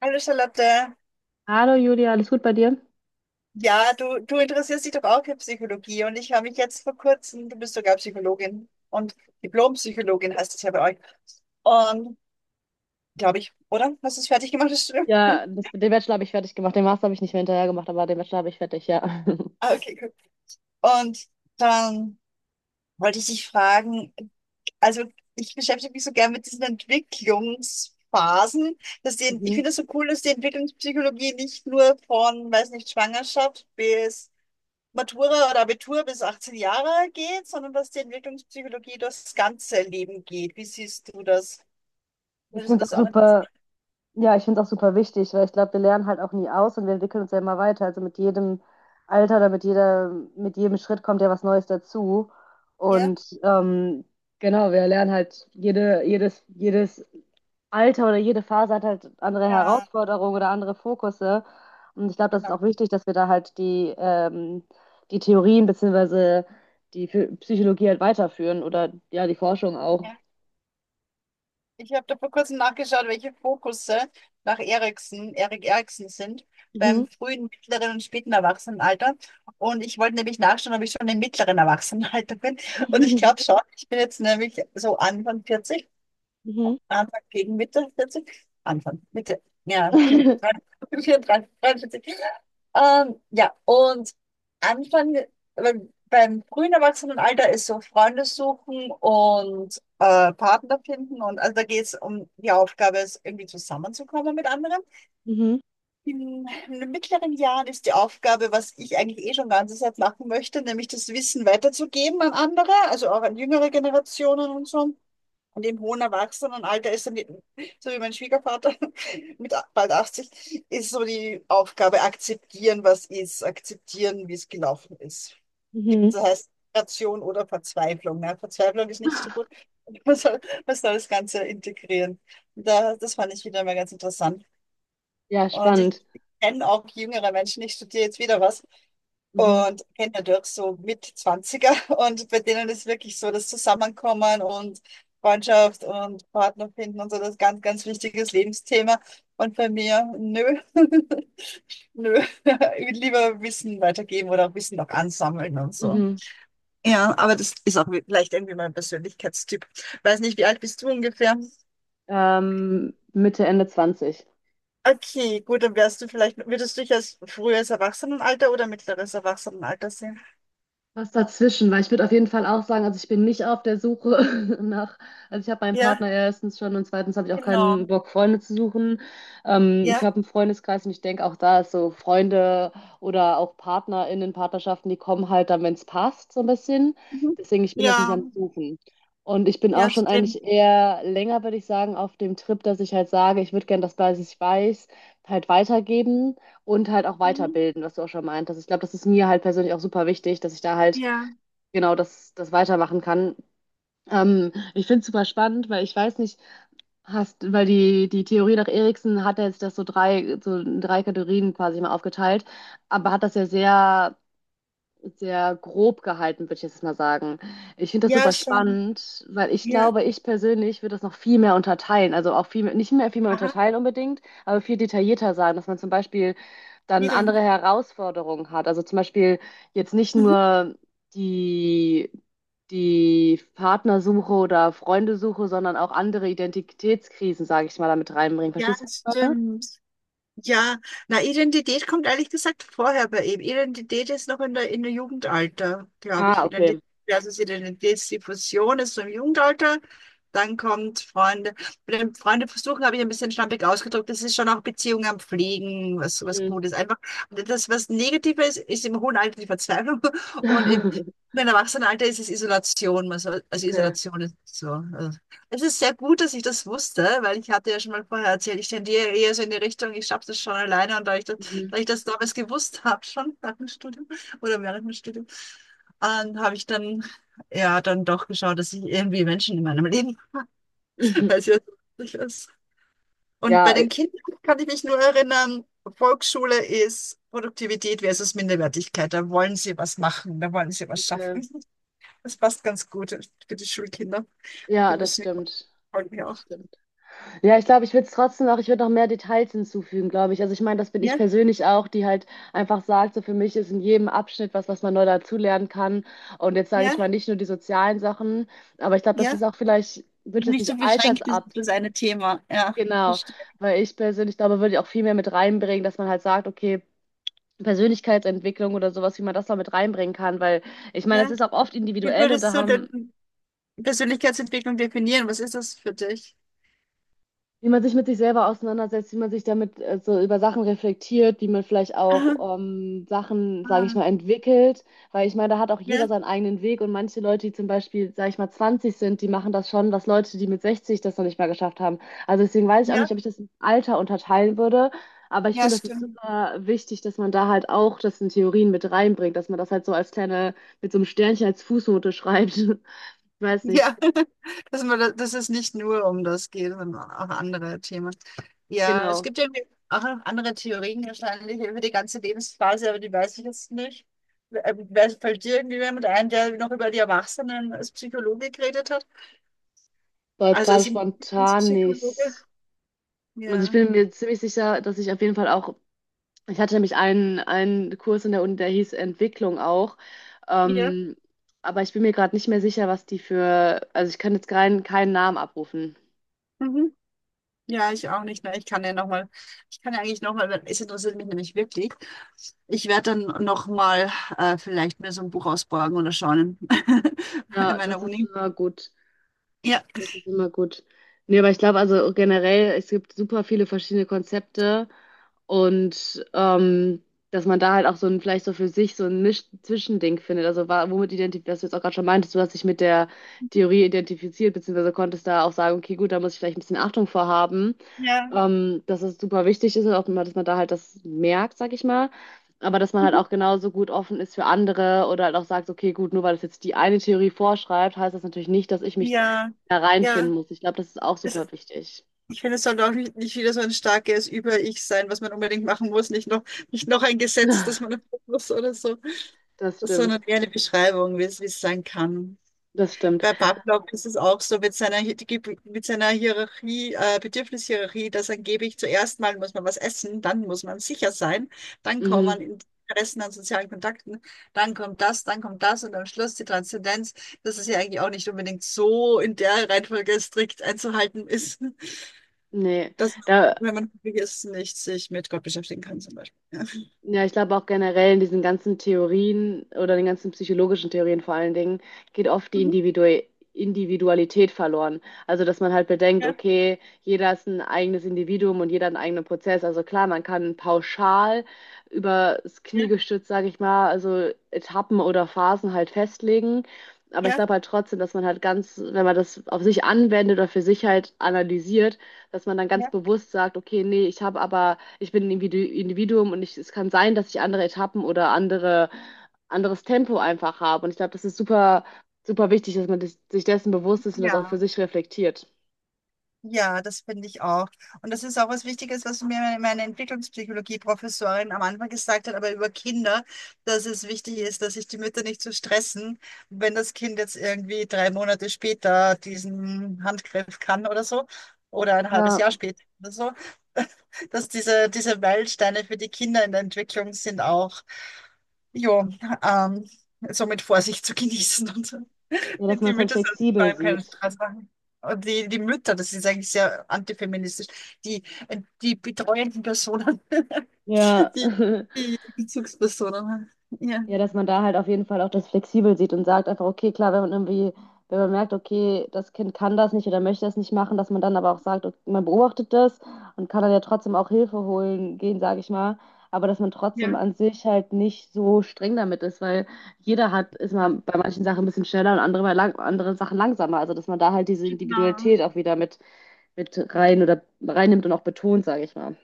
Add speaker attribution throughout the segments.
Speaker 1: Hallo Charlotte.
Speaker 2: Hallo Julia, alles gut bei dir?
Speaker 1: Ja, du interessierst dich doch auch für Psychologie und ich habe mich jetzt vor kurzem, du bist sogar Psychologin und Diplompsychologin heißt es ja bei euch. Und glaube ich, oder? Hast du es fertig gemacht, das Studium?
Speaker 2: Ja, den Bachelor habe ich fertig gemacht. Den Master habe ich nicht mehr hinterher gemacht, aber den Bachelor habe ich fertig, ja.
Speaker 1: Ah, okay, gut. Und dann wollte ich dich fragen, also ich beschäftige mich so gern mit diesen Entwicklungsphasen, dass die, ich
Speaker 2: Mhm.
Speaker 1: finde es so cool, dass die Entwicklungspsychologie nicht nur von, weiß nicht, Schwangerschaft bis Matura oder Abitur bis 18 Jahre geht, sondern dass die Entwicklungspsychologie durchs ganze Leben geht. Wie siehst du das?
Speaker 2: Ich
Speaker 1: Würdest du
Speaker 2: finde es
Speaker 1: das
Speaker 2: auch
Speaker 1: auch
Speaker 2: super,
Speaker 1: interessant?
Speaker 2: ja, ich finde es auch super wichtig, weil ich glaube, wir lernen halt auch nie aus und wir entwickeln uns ja immer weiter. Also mit jedem Alter mit jedem Schritt kommt ja was Neues dazu.
Speaker 1: Ja,
Speaker 2: Und genau, wir lernen halt jedes Alter oder jede Phase hat halt andere
Speaker 1: ja,
Speaker 2: Herausforderungen oder andere Fokusse. Und ich glaube, das ist auch
Speaker 1: genau.
Speaker 2: wichtig, dass wir da halt die Theorien beziehungsweise die Psychologie halt weiterführen oder ja, die Forschung auch.
Speaker 1: Ja. Ich habe da vor kurzem nachgeschaut, welche Fokusse nach Erikson, Erik Erikson sind
Speaker 2: Mhm.
Speaker 1: beim frühen, mittleren und späten Erwachsenenalter. Und ich wollte nämlich nachschauen, ob ich schon im mittleren Erwachsenenalter bin. Und ich glaube schon, ich bin jetzt nämlich so Anfang 40,
Speaker 2: Mhm.
Speaker 1: Anfang gegen Mitte 40, Anfang, Mitte, ja, 34. Ja, und Anfang, beim frühen Erwachsenenalter ist so Freunde suchen und Partner finden. Und also da geht es um die Aufgabe, es irgendwie zusammenzukommen mit anderen.
Speaker 2: Mhm.
Speaker 1: In den mittleren Jahren ist die Aufgabe, was ich eigentlich eh schon ganze Zeit machen möchte, nämlich das Wissen weiterzugeben an andere, also auch an jüngere Generationen und so. Und im hohen Erwachsenenalter ist dann, die- so wie mein Schwiegervater mit a- bald 80, ist so die Aufgabe, akzeptieren, was ist, akzeptieren, wie es gelaufen ist. Gibt,
Speaker 2: Mhm.
Speaker 1: das heißt, Integration oder Verzweiflung. Ne? Verzweiflung ist nicht so gut. Man soll, man soll das Ganze integrieren. Und da, das fand ich wieder mal ganz interessant.
Speaker 2: Ja,
Speaker 1: Und ich
Speaker 2: spannend.
Speaker 1: kenne auch jüngere Menschen, ich studiere jetzt wieder was,
Speaker 2: Mhm.
Speaker 1: und kenne dadurch so mit 20 und bei denen ist wirklich so das Zusammenkommen und Freundschaft und Partner finden und so das ganz, ganz wichtiges Lebensthema. Und bei mir, nö, nö, ich will lieber Wissen weitergeben oder auch Wissen noch ansammeln und so.
Speaker 2: Mhm.
Speaker 1: Ja, aber das ist auch vielleicht irgendwie mein Persönlichkeitstyp. Weiß nicht, wie alt bist du ungefähr?
Speaker 2: Mitte, Ende 20.
Speaker 1: Okay, gut, dann wärst du vielleicht, würdest du dich als frühes Erwachsenenalter oder mittleres Erwachsenenalter sehen?
Speaker 2: Was dazwischen, weil ich würde auf jeden Fall auch sagen, also ich bin nicht auf der Suche nach, also ich habe meinen
Speaker 1: Ja,
Speaker 2: Partner erstens schon und zweitens habe ich auch
Speaker 1: genau.
Speaker 2: keinen Bock, Freunde zu suchen. Ich
Speaker 1: Ja.
Speaker 2: habe einen Freundeskreis und ich denke auch da ist so Freunde oder auch PartnerInnen, Partnerschaften, die kommen halt dann, wenn es passt, so ein bisschen.
Speaker 1: Mhm.
Speaker 2: Deswegen, ich bin das nicht
Speaker 1: Ja,
Speaker 2: am Suchen. Und ich bin auch
Speaker 1: ja,
Speaker 2: schon
Speaker 1: stimmt.
Speaker 2: eigentlich eher länger, würde ich sagen, auf dem Trip, dass ich halt sage, ich würde gerne das, was ich weiß, halt weitergeben. Und halt auch
Speaker 1: Mhm.
Speaker 2: weiterbilden, was du auch schon meintest. Ich glaube, das ist mir halt persönlich auch super wichtig, dass ich da halt
Speaker 1: Ja,
Speaker 2: genau das weitermachen kann. Ich finde es super spannend, weil ich weiß nicht, hast, weil die Theorie nach Erikson hat ja jetzt das so drei, so in drei Kategorien quasi mal aufgeteilt, aber hat das ja sehr grob gehalten, würde ich jetzt mal sagen. Ich finde das
Speaker 1: ja,
Speaker 2: super
Speaker 1: schon.
Speaker 2: spannend, weil ich
Speaker 1: Ja,
Speaker 2: glaube, ich persönlich würde das noch viel mehr unterteilen. Also auch viel, mehr- nicht mehr viel mehr
Speaker 1: aha,
Speaker 2: unterteilen unbedingt, aber viel detaillierter sagen, dass man zum Beispiel
Speaker 1: wie
Speaker 2: dann
Speaker 1: denn?
Speaker 2: andere Herausforderungen hat. Also zum Beispiel jetzt nicht
Speaker 1: Mhm.
Speaker 2: nur die, die Partnersuche oder Freundesuche, sondern auch andere Identitätskrisen, sage ich mal, damit reinbringen.
Speaker 1: Ja,
Speaker 2: Verstehst du, was ich meine?
Speaker 1: stimmt. Ja, na, Identität kommt ehrlich gesagt vorher bei ihm. Identität ist noch in der Jugendalter, glaube
Speaker 2: Ah,
Speaker 1: ich.
Speaker 2: okay.
Speaker 1: Identität versus Identitätsdiffusion ist so im Jugendalter. Dann kommt Freunde. Mit den Freunde versuchen habe ich ein bisschen schlampig ausgedrückt. Das ist schon auch Beziehungen am Pflegen, was, was
Speaker 2: Mhm.
Speaker 1: gut ist. Einfach, und das, was negativer ist, ist im hohen Alter die Verzweiflung und im, im Erwachsenenalter ist es Isolation. Man soll- Also
Speaker 2: Okay.
Speaker 1: Isolation ist so. Also es ist sehr gut, dass ich das wusste, weil ich hatte ja schon mal vorher erzählt, ich tendiere eher so in die Richtung, ich schaffe das schon alleine und
Speaker 2: Mhm.
Speaker 1: da ich das damals gewusst habe, schon nach dem Studium oder während dem Studium, habe ich dann ja dann doch geschaut, dass ich irgendwie Menschen in meinem Leben, weil es ja so wichtig ist. Und bei
Speaker 2: Ja,
Speaker 1: den Kindern kann ich mich nur erinnern, Volksschule ist Produktivität versus Minderwertigkeit. Da wollen sie was machen, da wollen sie was
Speaker 2: okay.
Speaker 1: schaffen. Das passt ganz gut für die Schulkinder. Die
Speaker 2: Ja, das
Speaker 1: müssen
Speaker 2: stimmt.
Speaker 1: ja
Speaker 2: Das
Speaker 1: auch.
Speaker 2: stimmt. Ja, ich glaube, ich würde noch mehr Details hinzufügen, glaube ich. Also ich meine, das bin ich
Speaker 1: Ja,
Speaker 2: persönlich auch, die halt einfach sagt, so für mich ist in jedem Abschnitt was, was man neu dazulernen kann. Und jetzt sage ich
Speaker 1: ja.
Speaker 2: mal nicht nur die sozialen Sachen, aber ich glaube, das
Speaker 1: Ja,
Speaker 2: ist auch vielleicht, würde ich das
Speaker 1: nicht so
Speaker 2: nicht
Speaker 1: beschränkt ist
Speaker 2: altersab,
Speaker 1: auf das eine Thema. Ja,
Speaker 2: genau,
Speaker 1: verstehe.
Speaker 2: weil ich persönlich glaube, würde ich auch viel mehr mit reinbringen, dass man halt sagt, okay, Persönlichkeitsentwicklung oder sowas, wie man das noch mit reinbringen kann, weil ich meine, das
Speaker 1: Ja,
Speaker 2: ist auch oft
Speaker 1: wie
Speaker 2: individuell und
Speaker 1: würdest
Speaker 2: da
Speaker 1: du
Speaker 2: haben.
Speaker 1: denn Persönlichkeitsentwicklung definieren? Was ist das für dich?
Speaker 2: Wie man sich mit sich selber auseinandersetzt, wie man sich damit so über Sachen reflektiert, wie man vielleicht auch Sachen,
Speaker 1: Ah,
Speaker 2: sage ich mal,
Speaker 1: ah,
Speaker 2: entwickelt. Weil ich meine, da hat auch jeder
Speaker 1: ja,
Speaker 2: seinen eigenen Weg und manche Leute, die zum Beispiel, sage ich mal, 20 sind, die machen das schon, was Leute, die mit 60 das noch nicht mal geschafft haben. Also deswegen weiß ich auch
Speaker 1: ja,
Speaker 2: nicht, ob ich das im Alter unterteilen würde. Aber ich
Speaker 1: ja,
Speaker 2: finde, das ist
Speaker 1: stimmt.
Speaker 2: super wichtig, dass man da halt auch das in Theorien mit reinbringt, dass man das halt so als kleine, mit so einem Sternchen als Fußnote schreibt. Ich weiß nicht,
Speaker 1: Ja, dass, man, da- dass es nicht nur um das geht, sondern auch andere Themen. Ja, es
Speaker 2: genau.
Speaker 1: gibt ja auch andere Theorien wahrscheinlich über die ganze Lebensphase, aber die weiß ich jetzt nicht. Wer- Fällt dir irgendwie jemand ein, der noch über die Erwachsenen als Psychologe geredet hat?
Speaker 2: So jetzt
Speaker 1: Also
Speaker 2: gerade
Speaker 1: als
Speaker 2: spontan
Speaker 1: Entwicklungspsychologe?
Speaker 2: nicht. Also ich
Speaker 1: Ja.
Speaker 2: bin mir ziemlich sicher, dass ich auf jeden Fall auch, ich hatte nämlich einen Kurs in der Uni, der hieß Entwicklung auch.
Speaker 1: Ja.
Speaker 2: Ähm, aber ich bin mir gerade nicht mehr sicher, was die für, also ich kann jetzt keinen Namen abrufen.
Speaker 1: Mhm. Ja, ich auch nicht. Ne? Ich kann ja noch mal, ich kann ja eigentlich noch mal, es interessiert mich nämlich wirklich. Ich werde dann noch mal vielleicht mir so ein Buch ausborgen oder schauen in
Speaker 2: Ja, das
Speaker 1: meiner
Speaker 2: ist
Speaker 1: Uni.
Speaker 2: immer gut.
Speaker 1: Ja,
Speaker 2: Das ist immer gut. Nee, aber ich glaube also generell, es gibt super viele verschiedene Konzepte. Und dass man da halt auch so ein, vielleicht so für sich so ein Misch Zwischending findet. Also womit identifiziert, was du jetzt auch gerade schon meintest, du hast dich mit der Theorie identifiziert, beziehungsweise konntest da auch sagen, okay, gut, da muss ich vielleicht ein bisschen Achtung vor haben,
Speaker 1: ja,
Speaker 2: dass es super wichtig ist und auch, dass man da halt das merkt, sag ich mal. Aber dass man halt
Speaker 1: mhm.
Speaker 2: auch genauso gut offen ist für andere oder halt auch sagt, okay, gut, nur weil das jetzt die eine Theorie vorschreibt, heißt das natürlich nicht, dass ich mich
Speaker 1: Ja,
Speaker 2: da
Speaker 1: ja.
Speaker 2: reinfinden muss. Ich glaube, das ist auch
Speaker 1: Es,
Speaker 2: super wichtig.
Speaker 1: ich finde, es sollte auch nicht, nicht wieder so ein starkes Über-Ich sein, was man unbedingt machen muss. Nicht noch, nicht noch ein Gesetz, das man erfüllen muss oder so,
Speaker 2: Das stimmt,
Speaker 1: sondern eher eine Beschreibung, wie es sein kann.
Speaker 2: das stimmt.
Speaker 1: Bei Pavlov ist es auch so mit seiner, Hi- die Gib- mit seiner Hierarchie, Bedürfnishierarchie, dass angeblich zuerst mal muss man was essen, dann muss man sicher sein, dann kommt
Speaker 2: Mhm.
Speaker 1: man in Interessen an sozialen Kontakten, dann kommt das und am Schluss die Transzendenz, dass es ja eigentlich auch nicht unbedingt so in der Reihenfolge strikt einzuhalten ist,
Speaker 2: Nee,
Speaker 1: dass man,
Speaker 2: da,
Speaker 1: wenn man hungrig ist, nicht sich mit Gott beschäftigen kann zum Beispiel. Ja,
Speaker 2: ja, ich glaube auch generell in diesen ganzen Theorien oder den ganzen psychologischen Theorien vor allen Dingen geht oft die
Speaker 1: mhm,
Speaker 2: Individualität verloren. Also, dass man halt bedenkt,
Speaker 1: ja,
Speaker 2: okay, jeder ist ein eigenes Individuum und jeder hat einen eigenen Prozess. Also klar, man kann pauschal übers Knie
Speaker 1: ja,
Speaker 2: gestützt, sage ich mal, also Etappen oder Phasen halt festlegen. Aber ich
Speaker 1: ja.
Speaker 2: glaube halt trotzdem, dass man halt ganz, wenn man das auf sich anwendet oder für sich halt analysiert, dass man dann ganz
Speaker 1: Ja.
Speaker 2: bewusst sagt, okay, nee, ich habe aber ich bin ein Individuum und ich, es kann sein, dass ich andere Etappen anderes Tempo einfach habe. Und ich glaube, das ist super wichtig, dass man sich dessen bewusst ist und das auch für
Speaker 1: Ja.
Speaker 2: sich reflektiert.
Speaker 1: Ja, das finde ich auch. Und das ist auch was Wichtiges, was mir meine Entwicklungspsychologie-Professorin am Anfang gesagt hat, aber über Kinder, dass es wichtig ist, dass sich die Mütter nicht zu so stressen, wenn das Kind jetzt irgendwie 3 Monate später diesen Handgriff kann oder so, oder ein halbes
Speaker 2: Ja,
Speaker 1: Jahr später oder so, dass diese, diese Meilensteine für die Kinder in der Entwicklung sind auch, jo, ähm, so mit Vorsicht zu genießen und so.
Speaker 2: ja, dass man
Speaker 1: Die
Speaker 2: es halt
Speaker 1: Mütter sollen sich vor
Speaker 2: flexibel
Speaker 1: allem keinen
Speaker 2: sieht.
Speaker 1: Stress machen. Und die, die Mütter, das ist eigentlich sehr antifeministisch, die, die betreuenden Personen,
Speaker 2: Ja.
Speaker 1: die, die Bezugspersonen. Ja,
Speaker 2: Ja, dass man da halt auf jeden Fall auch das flexibel sieht und sagt einfach, okay, klar, wenn man merkt, okay, das Kind kann das nicht oder möchte das nicht machen, dass man dann aber auch sagt, okay, man beobachtet das und kann dann ja trotzdem auch Hilfe holen gehen, sage ich mal. Aber dass man trotzdem
Speaker 1: ja,
Speaker 2: an sich halt nicht so streng damit ist, weil jeder hat, ist mal bei manchen Sachen ein bisschen schneller und andere anderen Sachen langsamer. Also dass man da halt diese
Speaker 1: genau.
Speaker 2: Individualität auch wieder mit rein oder reinnimmt und auch betont, sage ich mal.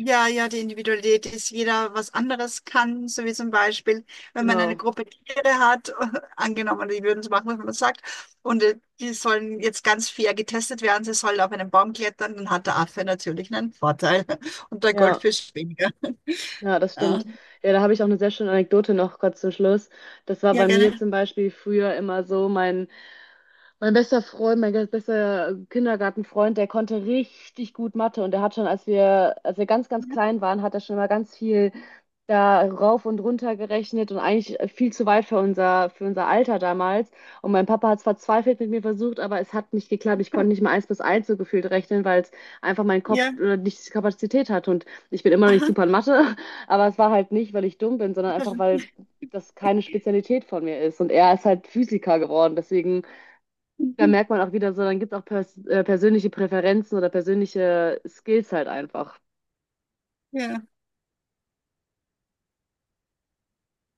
Speaker 1: Ja, ja, die Individualität ist, jeder was anderes kann, so wie zum Beispiel, wenn man eine
Speaker 2: Genau,
Speaker 1: Gruppe Tiere hat, angenommen, die würden es machen, was man sagt, und die sollen jetzt ganz fair getestet werden, sie sollen auf einen Baum klettern, dann hat der Affe natürlich einen Vorteil und der
Speaker 2: ja.
Speaker 1: Goldfisch weniger.
Speaker 2: Ja, das
Speaker 1: Ja.
Speaker 2: stimmt. Ja, da habe ich auch eine sehr schöne Anekdote noch kurz zum Schluss. Das war
Speaker 1: Ja,
Speaker 2: bei mir
Speaker 1: gerne.
Speaker 2: zum Beispiel früher immer so, mein bester Freund, mein ganz bester Kindergartenfreund, der konnte richtig gut Mathe und der hat schon, als wir ganz, ganz klein waren, hat er schon immer ganz viel da rauf und runter gerechnet und eigentlich viel zu weit für für unser Alter damals. Und mein Papa hat es verzweifelt mit mir versucht, aber es hat nicht geklappt. Ich konnte nicht mal eins bis eins so gefühlt rechnen, weil es einfach mein Kopf
Speaker 1: Ja.
Speaker 2: nicht die Kapazität hat. Und ich bin immer noch nicht
Speaker 1: Aha.
Speaker 2: super in Mathe, aber es war halt nicht, weil ich dumm bin, sondern einfach, weil das keine Spezialität von mir ist. Und er ist halt Physiker geworden. Deswegen, da
Speaker 1: Mhm.
Speaker 2: merkt man auch wieder so, dann gibt es auch persönliche Präferenzen oder persönliche Skills halt einfach.
Speaker 1: Ja.